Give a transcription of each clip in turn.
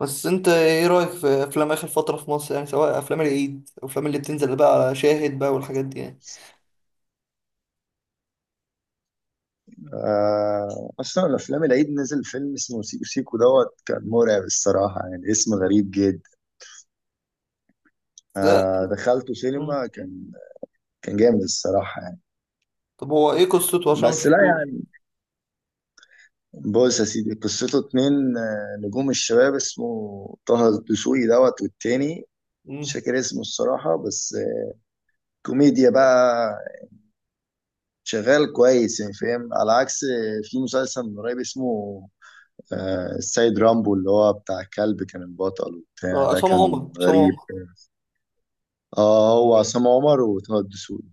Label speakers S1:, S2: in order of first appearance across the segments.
S1: بس انت ايه رأيك في افلام اخر فترة في مصر، يعني سواء افلام العيد او افلام اللي بتنزل بقى على شاهد بقى والحاجات دي يعني.
S2: اصلا افلام العيد نزل فيلم اسمه سيكو سيكو دوت، كان مرعب الصراحه، يعني اسم غريب جدا.
S1: ازاي؟
S2: دخلته
S1: مم.
S2: سينما. كان جامد الصراحه يعني.
S1: طب هو ايه قصته عشان ما
S2: بس لا
S1: شفتوش؟
S2: يعني، بص يا سيدي قصته اتنين، نجوم الشباب، اسمه طه الدسوقي دوت، والتاني مش
S1: مم.
S2: فاكر اسمه الصراحه، بس كوميديا بقى، شغال كويس يعني فاهم. على عكس في مسلسل من قريب اسمه السيد رامبو، اللي هو بتاع الكلب كان البطل وبتاع،
S1: اه،
S2: ده
S1: عصام
S2: كان
S1: عمر عصام
S2: غريب.
S1: عمر.
S2: اه هو عصام عمر وطه الدسوقي.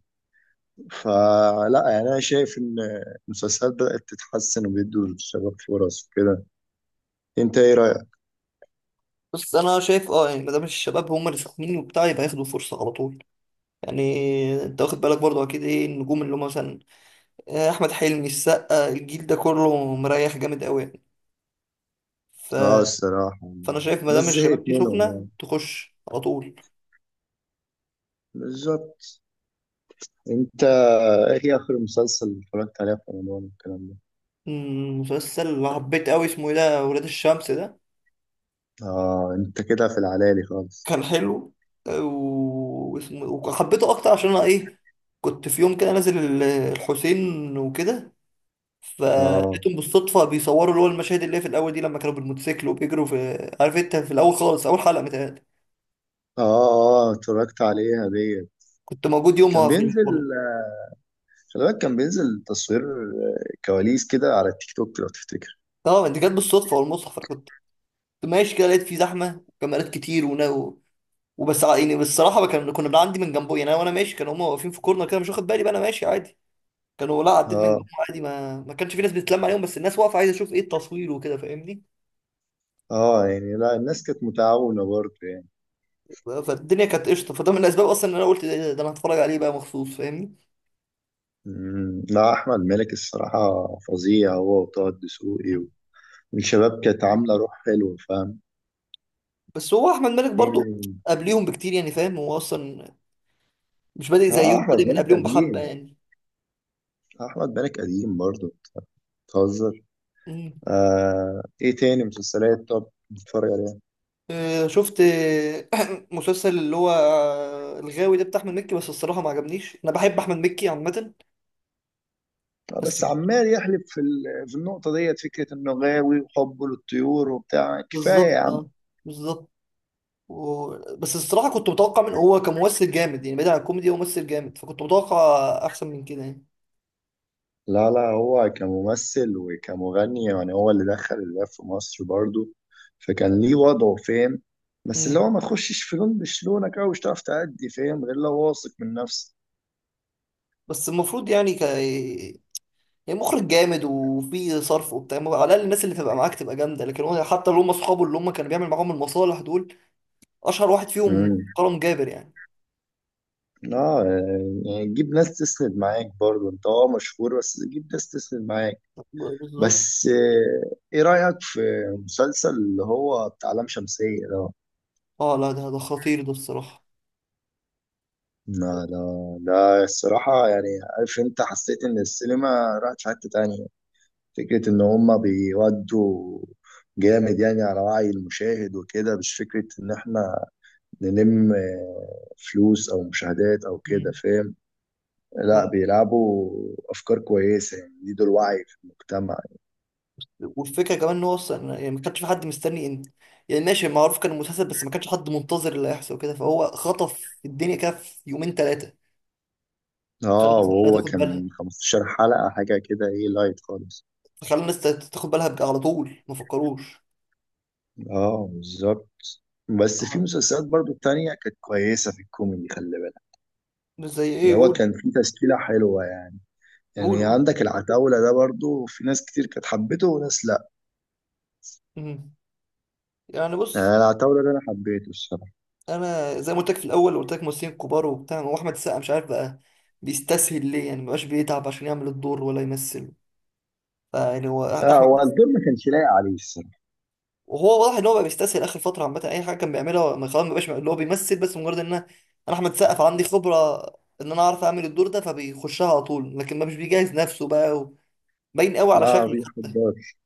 S2: فلا يعني، انا شايف ان المسلسلات بدأت تتحسن وبيدوا للشباب فرص وكده. انت ايه رأيك؟
S1: بس انا شايف يعني ما دام الشباب هم اللي ساخنين وبتاع يبقى ياخدوا فرصة على طول يعني. انت واخد بالك برضه، اكيد ايه النجوم اللي هم مثلا؟ اه، احمد حلمي، السقا، الجيل ده كله مريح جامد قوي يعني. ف...
S2: اه الصراحة.
S1: فانا شايف ما
S2: الناس
S1: دام الشباب
S2: زهقت
S1: دي
S2: منهم
S1: سخنة
S2: يعني.
S1: تخش على طول.
S2: بالظبط. انت ايه اخر مسلسل اتفرجت عليه في رمضان والكلام ده؟
S1: مسلسل اللي حبيت قوي اسمه ايه ده، ولاد الشمس ده.
S2: اه انت كده في العلالي خالص.
S1: كان حلو. واسمه وحبيته اكتر عشان انا ايه. كنت في يوم كده نازل الحسين وكده.
S2: اه
S1: فلقيتهم بالصدفه بيصوروا اللي هو المشاهد اللي هي في الاول دي، لما كانوا بالموتوسيكل وبيجروا في، عارف انت، في الاول خالص في اول حلقه متهيألي.
S2: اه اتفرجت عليها ديت.
S1: كنت موجود
S2: كان
S1: يومها في
S2: بينزل،
S1: الفورم.
S2: خلي بالك كان بينزل تصوير كواليس كده على التيك توك لو تفتكر.
S1: اه، دي كانت بالصدفه والمصحف. أنا كنت ماشي كده، لقيت في زحمه وكاميرات كتير ونا وبس يعني بالصراحه ما كنا بنعدي من جنبه، يعني انا، وانا ماشي كانوا هم واقفين في كورنر كده، مش واخد بالي، بقى انا ماشي عادي. كانوا لا، عديت من
S2: اه
S1: جنبهم عادي، ما كانش في ناس بتتلم عليهم، بس الناس واقفه عايزه تشوف ايه التصوير وكده، فاهمني.
S2: اه يعني لا الناس كانت متعاونة برضه يعني.
S1: فالدنيا كانت قشطه، فده من الاسباب اصلا ان انا قلت ده انا هتفرج عليه بقى مخصوص، فاهمني.
S2: مم. لا أحمد مالك الصراحة فظيع، هو وطه الدسوقي والشباب كانت عاملة روح حلوة فاهم.
S1: بس هو احمد مالك برضو
S2: مم.
S1: قبليهم بكتير يعني، فاهم هو اصلا مش بادئ زيهم،
S2: اه أحمد
S1: بادئ من
S2: مالك
S1: قبليهم، بحبه
S2: قديم،
S1: يعني.
S2: أحمد مالك قديم برضه، بتهزر.
S1: مم.
S2: آه ايه تاني مسلسلات طب بتتفرج عليها؟
S1: شفت مسلسل اللي هو الغاوي ده بتاع احمد مكي، بس الصراحه ما عجبنيش، انا بحب احمد مكي عامه.
S2: آه
S1: بس.
S2: بس عمال يحلب في في النقطة ديت، فكرة انه غاوي وحبه للطيور وبتاع، كفاية يا
S1: بالظبط
S2: عم.
S1: بالظبط. و... بس الصراحة كنت متوقع من، هو كممثل جامد يعني بعيد عن الكوميدي، هو ممثل جامد، فكنت متوقع أحسن من كده يعني.
S2: لا هو كممثل وكمغني، يعني هو اللي دخل الراب في مصر برضو، فكان ليه وضعه فاهم. بس اللي
S1: مم.
S2: هو ما تخشش في لون مش لونك أوي، مش هتعرف تأدي فاهم، غير لو واثق من نفسك.
S1: بس المفروض يعني يعني مخرج جامد وفي صرف وبتاع، على الأقل الناس اللي تبقى معاك تبقى جامدة، لكن هو حتى اللي هم أصحابه اللي هم كانوا بيعمل معاهم المصالح دول، أشهر واحد فيهم
S2: امم،
S1: كرم جابر يعني.
S2: اه يعني جيب ناس تسند معاك برضو، انت اه مشهور بس جيب ناس تسند معاك.
S1: بالظبط
S2: بس ايه رأيك في مسلسل اللي هو بتاع لام شمسية ده؟
S1: اه. لا، ده خطير ده الصراحة.
S2: لا ده الصراحة يعني، عارف انت، حسيت ان السينما راحت في حتة تانية. فكرة إن هما بيودوا جامد يعني على وعي المشاهد وكده، مش فكرة إن إحنا نلم فلوس أو مشاهدات أو كده فاهم. لا
S1: مم.
S2: بيلعبوا أفكار كويسة، يعني يزيدوا الوعي في المجتمع.
S1: والفكره كمان ان هو اصلا يعني ما كانش في حد مستني ان، يعني ماشي، معروف كان المسلسل، بس ما كانش حد منتظر اللي هيحصل كده، فهو خطف الدنيا كده في يومين ثلاثه. خلى
S2: آه
S1: الناس لا
S2: وهو
S1: تاخد بالها.
S2: كان 15 حلقة حاجة كده، إيه لايت خالص.
S1: خلى الناس تاخد بالها بقى على طول، ما فكروش.
S2: آه بالظبط. بس في
S1: آه،
S2: مسلسلات برضو التانية كانت كويسة في الكوميدي خلي بالك.
S1: مش زي ايه،
S2: اللي هو
S1: قول.
S2: كان في تشكيلة حلوة يعني،
S1: قول
S2: يعني
S1: قول.
S2: عندك العتاولة ده برضو، في ناس كتير كانت حبته وناس.
S1: مم. يعني
S2: انا
S1: بص.
S2: العتاولة ده انا حبيته الصراحه.
S1: انا زي ما قلت لك في الاول، قلت لك ممثلين كبار وبتاع، هو احمد السقا مش عارف بقى بيستسهل ليه يعني، ما بقاش بيتعب عشان يعمل الدور ولا يمثل. يعني هو
S2: لا
S1: ده احمد.
S2: هو الدور ما كانش لايق عليه الصراحه.
S1: وهو واضح ان هو بقى بيستسهل اخر فتره عامه، اي حاجه كان بيعملها، ما خلاص ما بقاش اللي هو بيمثل، بس مجرد ان أنا احمد سقف عندي خبره، ان انا اعرف اعمل الدور ده فبيخشها على طول، لكن ما مش بيجهز نفسه بقى باين قوي على
S2: لا ما
S1: شكله حتى.
S2: بيحضرش.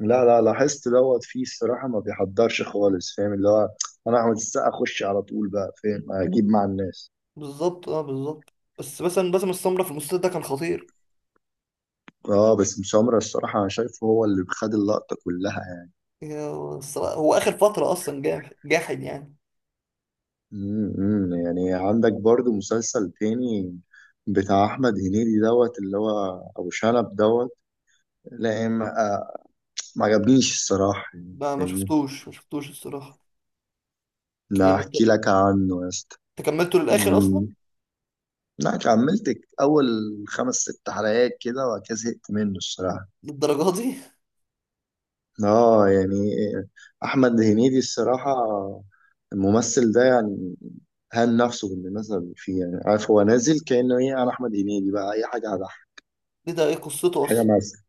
S2: لا
S1: آه،
S2: لا لاحظت دوت فيه الصراحه، ما بيحضرش خالص فاهم اللي هو، انا احمد السقا اخش على طول بقى فاهم اجيب مع الناس.
S1: بالظبط بالظبط. بس مثلا باسم السمره في المسلسل ده كان خطير.
S2: اه بس مسامرة الصراحة أنا شايفه هو اللي خد اللقطة كلها يعني.
S1: يا الصراحة، هو اخر فتره اصلا جاحد يعني.
S2: امم، يعني عندك برضو مسلسل تاني بتاع أحمد هنيدي دوت، اللي هو أبو شنب دوت. لا ما آه، ما عجبنيش الصراحة يعني
S1: ما
S2: فاهمني؟
S1: شفتوش، ما شفتوش الصراحه.
S2: لا
S1: يعني انت
S2: أحكي لك عنه يا اسطى.
S1: أنت كملته للاخر اصلا؟
S2: لا كملت اول خمس ست حلقات كده، وبعد كده زهقت منه الصراحه.
S1: للدرجه دي؟
S2: اه يعني احمد هنيدي الصراحه، الممثل ده يعني هان نفسه بالمناسبه اللي فيه. يعني عارف، هو نازل كانه ايه، انا احمد هنيدي بقى، اي حاجه هضحك
S1: ايه ده؟ ايه قصته
S2: حاجه مثلا.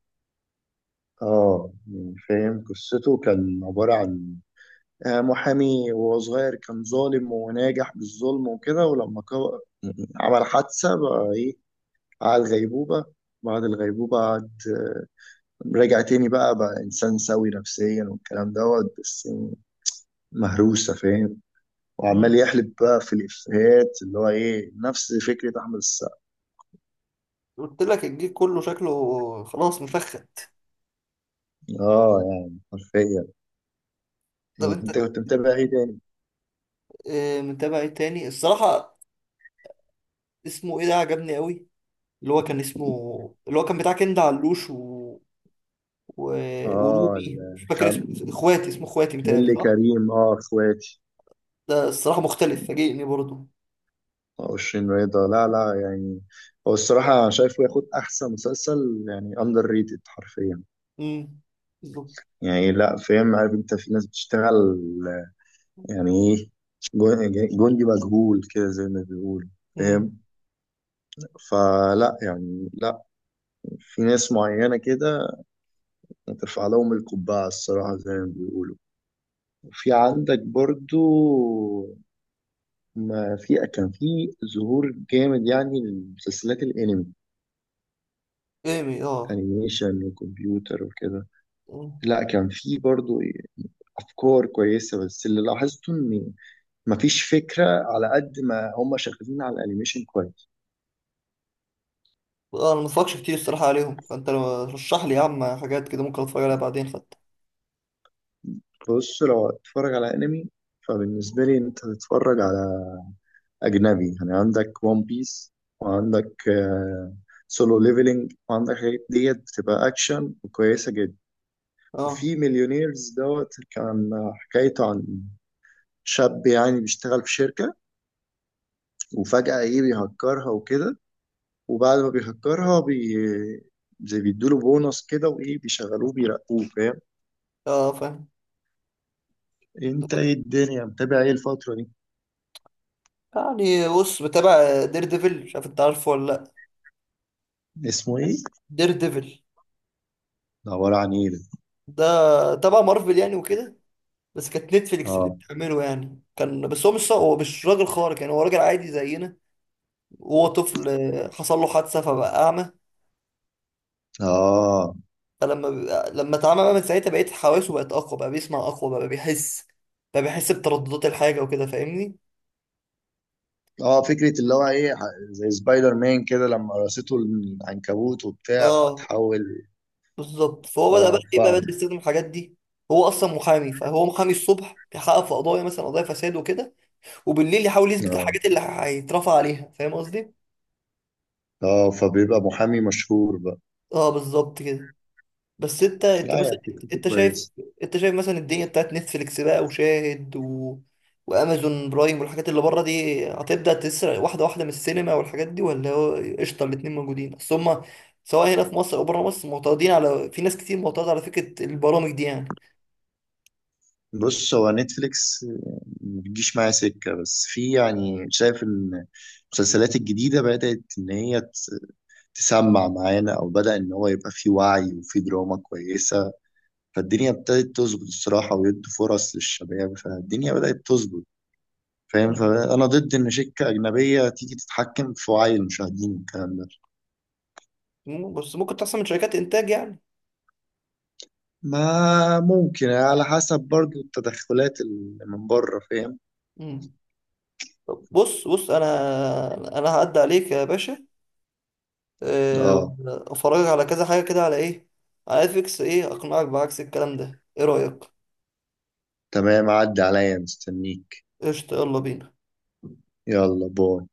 S2: اه يعني فاهم، قصته كان عباره عن محامي، وهو صغير كان ظالم وناجح بالظلم وكده، ولما عمل حادثة بقى ايه، قعد غيبوبة، بعد الغيبوبة قعد، رجع تاني بقى، إنسان سوي نفسيا والكلام دوت، بس مهروسة فاهم. وعمال
S1: اصلا؟
S2: يحلب بقى في الإفيهات، اللي هو إيه نفس فكرة أحمد السقا.
S1: قلت لك الجيل كله شكله خلاص مفخت.
S2: آه يعني حرفيا.
S1: طب
S2: أنت
S1: انت.
S2: كنت متابع إيه تاني؟
S1: متابع ايه تاني الصراحة، اسمه ايه ده؟ عجبني قوي. اللي هو كان اسمه اللي هو كان بتاع كند علوش و...
S2: آه
S1: وروبي، مش فاكر
S2: الخم...
S1: اسمه. اخواتي، اسمه اخواتي متهيألي،
S2: اللي
S1: صح؟
S2: كريم آه إخواتي.
S1: ده الصراحة مختلف، فاجئني برضه.
S2: وشين رضا. لا لا يعني هو الصراحة أنا شايفه ياخد أحسن مسلسل، يعني أندر ريتد حرفيا.
S1: امم. بالظبط.
S2: يعني لا فاهم، عارف أنت في ناس بتشتغل يعني ايه، جندي مجهول كده زي ما بيقول فاهم.
S1: امم.
S2: فلا يعني، لا في ناس معينة كده ترفع لهم القبعة الصراحة زي ما بيقولوا. في عندك برضو، ما في كان في ظهور جامد يعني لمسلسلات الانمي،
S1: ايمي اه.
S2: انيميشن وكمبيوتر وكده.
S1: مم.
S2: لا كان في برضو افكار كويسة، بس اللي لاحظته ان مفيش فكرة على قد ما هم شغالين على الانيميشن كويس.
S1: اه، انا ما اتفرجش كتير الصراحة عليهم، فانت لو رشح لي يا عم حاجات كده ممكن اتفرج عليها بعدين حتى.
S2: بص لو هتتفرج على انمي، فبالنسبة لي انت تتفرج على اجنبي، يعني عندك ون بيس، وعندك سولو ليفلينج، وعندك حاجات ديت بتبقى اكشن وكويسة جدا.
S1: اه
S2: وفي مليونيرز دوت، كان حكايته عن شاب يعني بيشتغل في شركة، وفجأة ايه بيهكرها وكده، وبعد ما بيهكرها زي بيدوله بونص كده، وايه بيشغلوه بيرقوه فاهم.
S1: اه فاهم.
S2: انت ايه الدنيا متابع ايه الفترة دي؟
S1: يعني بص، بتابع دير ديفل، مش عارف انت عارفه ولا لا.
S2: اسمه ايه؟
S1: دير ديفل.
S2: ده عبارة عن ايه ده؟
S1: ده تبع مارفل يعني وكده، بس كانت نتفليكس اللي
S2: اه
S1: بتعمله يعني، كان بس هو مش راجل خارق يعني، هو راجل عادي زينا. وهو طفل حصل له حادثة فبقى أعمى.
S2: اه
S1: لما اتعمى بقى، من ساعتها بقيت حواسه، بقت أقوى، بقى بيسمع أقوى، بقى بيحس بترددات الحاجة وكده، فاهمني؟
S2: اه فكرة اللي هو ايه زي سبايدر مان كده لما قرصته العنكبوت وبتاع
S1: اه،
S2: فتحول.
S1: بالظبط. فهو بدأ بقى
S2: اه
S1: ايه، بقى بدأ
S2: فاهم.
S1: يستخدم الحاجات دي. هو أصلا محامي، فهو محامي الصبح بيحقق في قضايا، مثلا قضايا فساد وكده، وبالليل يحاول يثبت
S2: اه
S1: الحاجات اللي هيترفع عليها، فاهم قصدي؟
S2: اه فبيبقى محامي مشهور بقى.
S1: اه بالظبط كده. بس انت
S2: لا
S1: مثلا،
S2: يعني فكرته
S1: انت شايف
S2: كويسة.
S1: انت شايف مثلا الدنيا بتاعت نتفليكس بقى وشاهد وامازون برايم والحاجات اللي بره دي هتبدا تسرق واحده واحده من السينما والحاجات دي، ولا هو قشطه الاتنين موجودين؟ اصل هما سواء هنا في مصر او بره مصر معترضين على، في ناس كتير معترضه على فكره البرامج دي يعني.
S2: بص هو نتفليكس ما بتجيش معايا سكة، بس في يعني شايف ان المسلسلات الجديدة بدأت ان هي تسمع معانا، او بدأ ان هو يبقى في وعي وفي دراما كويسة. فالدنيا ابتدت تظبط الصراحة، ويدوا فرص للشباب، فالدنيا بدأت تظبط فاهم. فانا ضد ان شركه اجنبيه تيجي تتحكم في وعي المشاهدين والكلام ده.
S1: مم. بس ممكن تحصل من شركات انتاج يعني.
S2: ما ممكن على حسب برضو التدخلات اللي من بره فاهم.
S1: مم. طب بص بص، انا هعدي عليك يا باشا،
S2: اه
S1: افرجك على كذا حاجة كده، على ايه، على نتفليكس، ايه اقنعك بعكس الكلام ده؟ ايه رأيك؟
S2: تمام، عدي عليا مستنيك.
S1: قشطة، يلا بينا.
S2: يلا باي.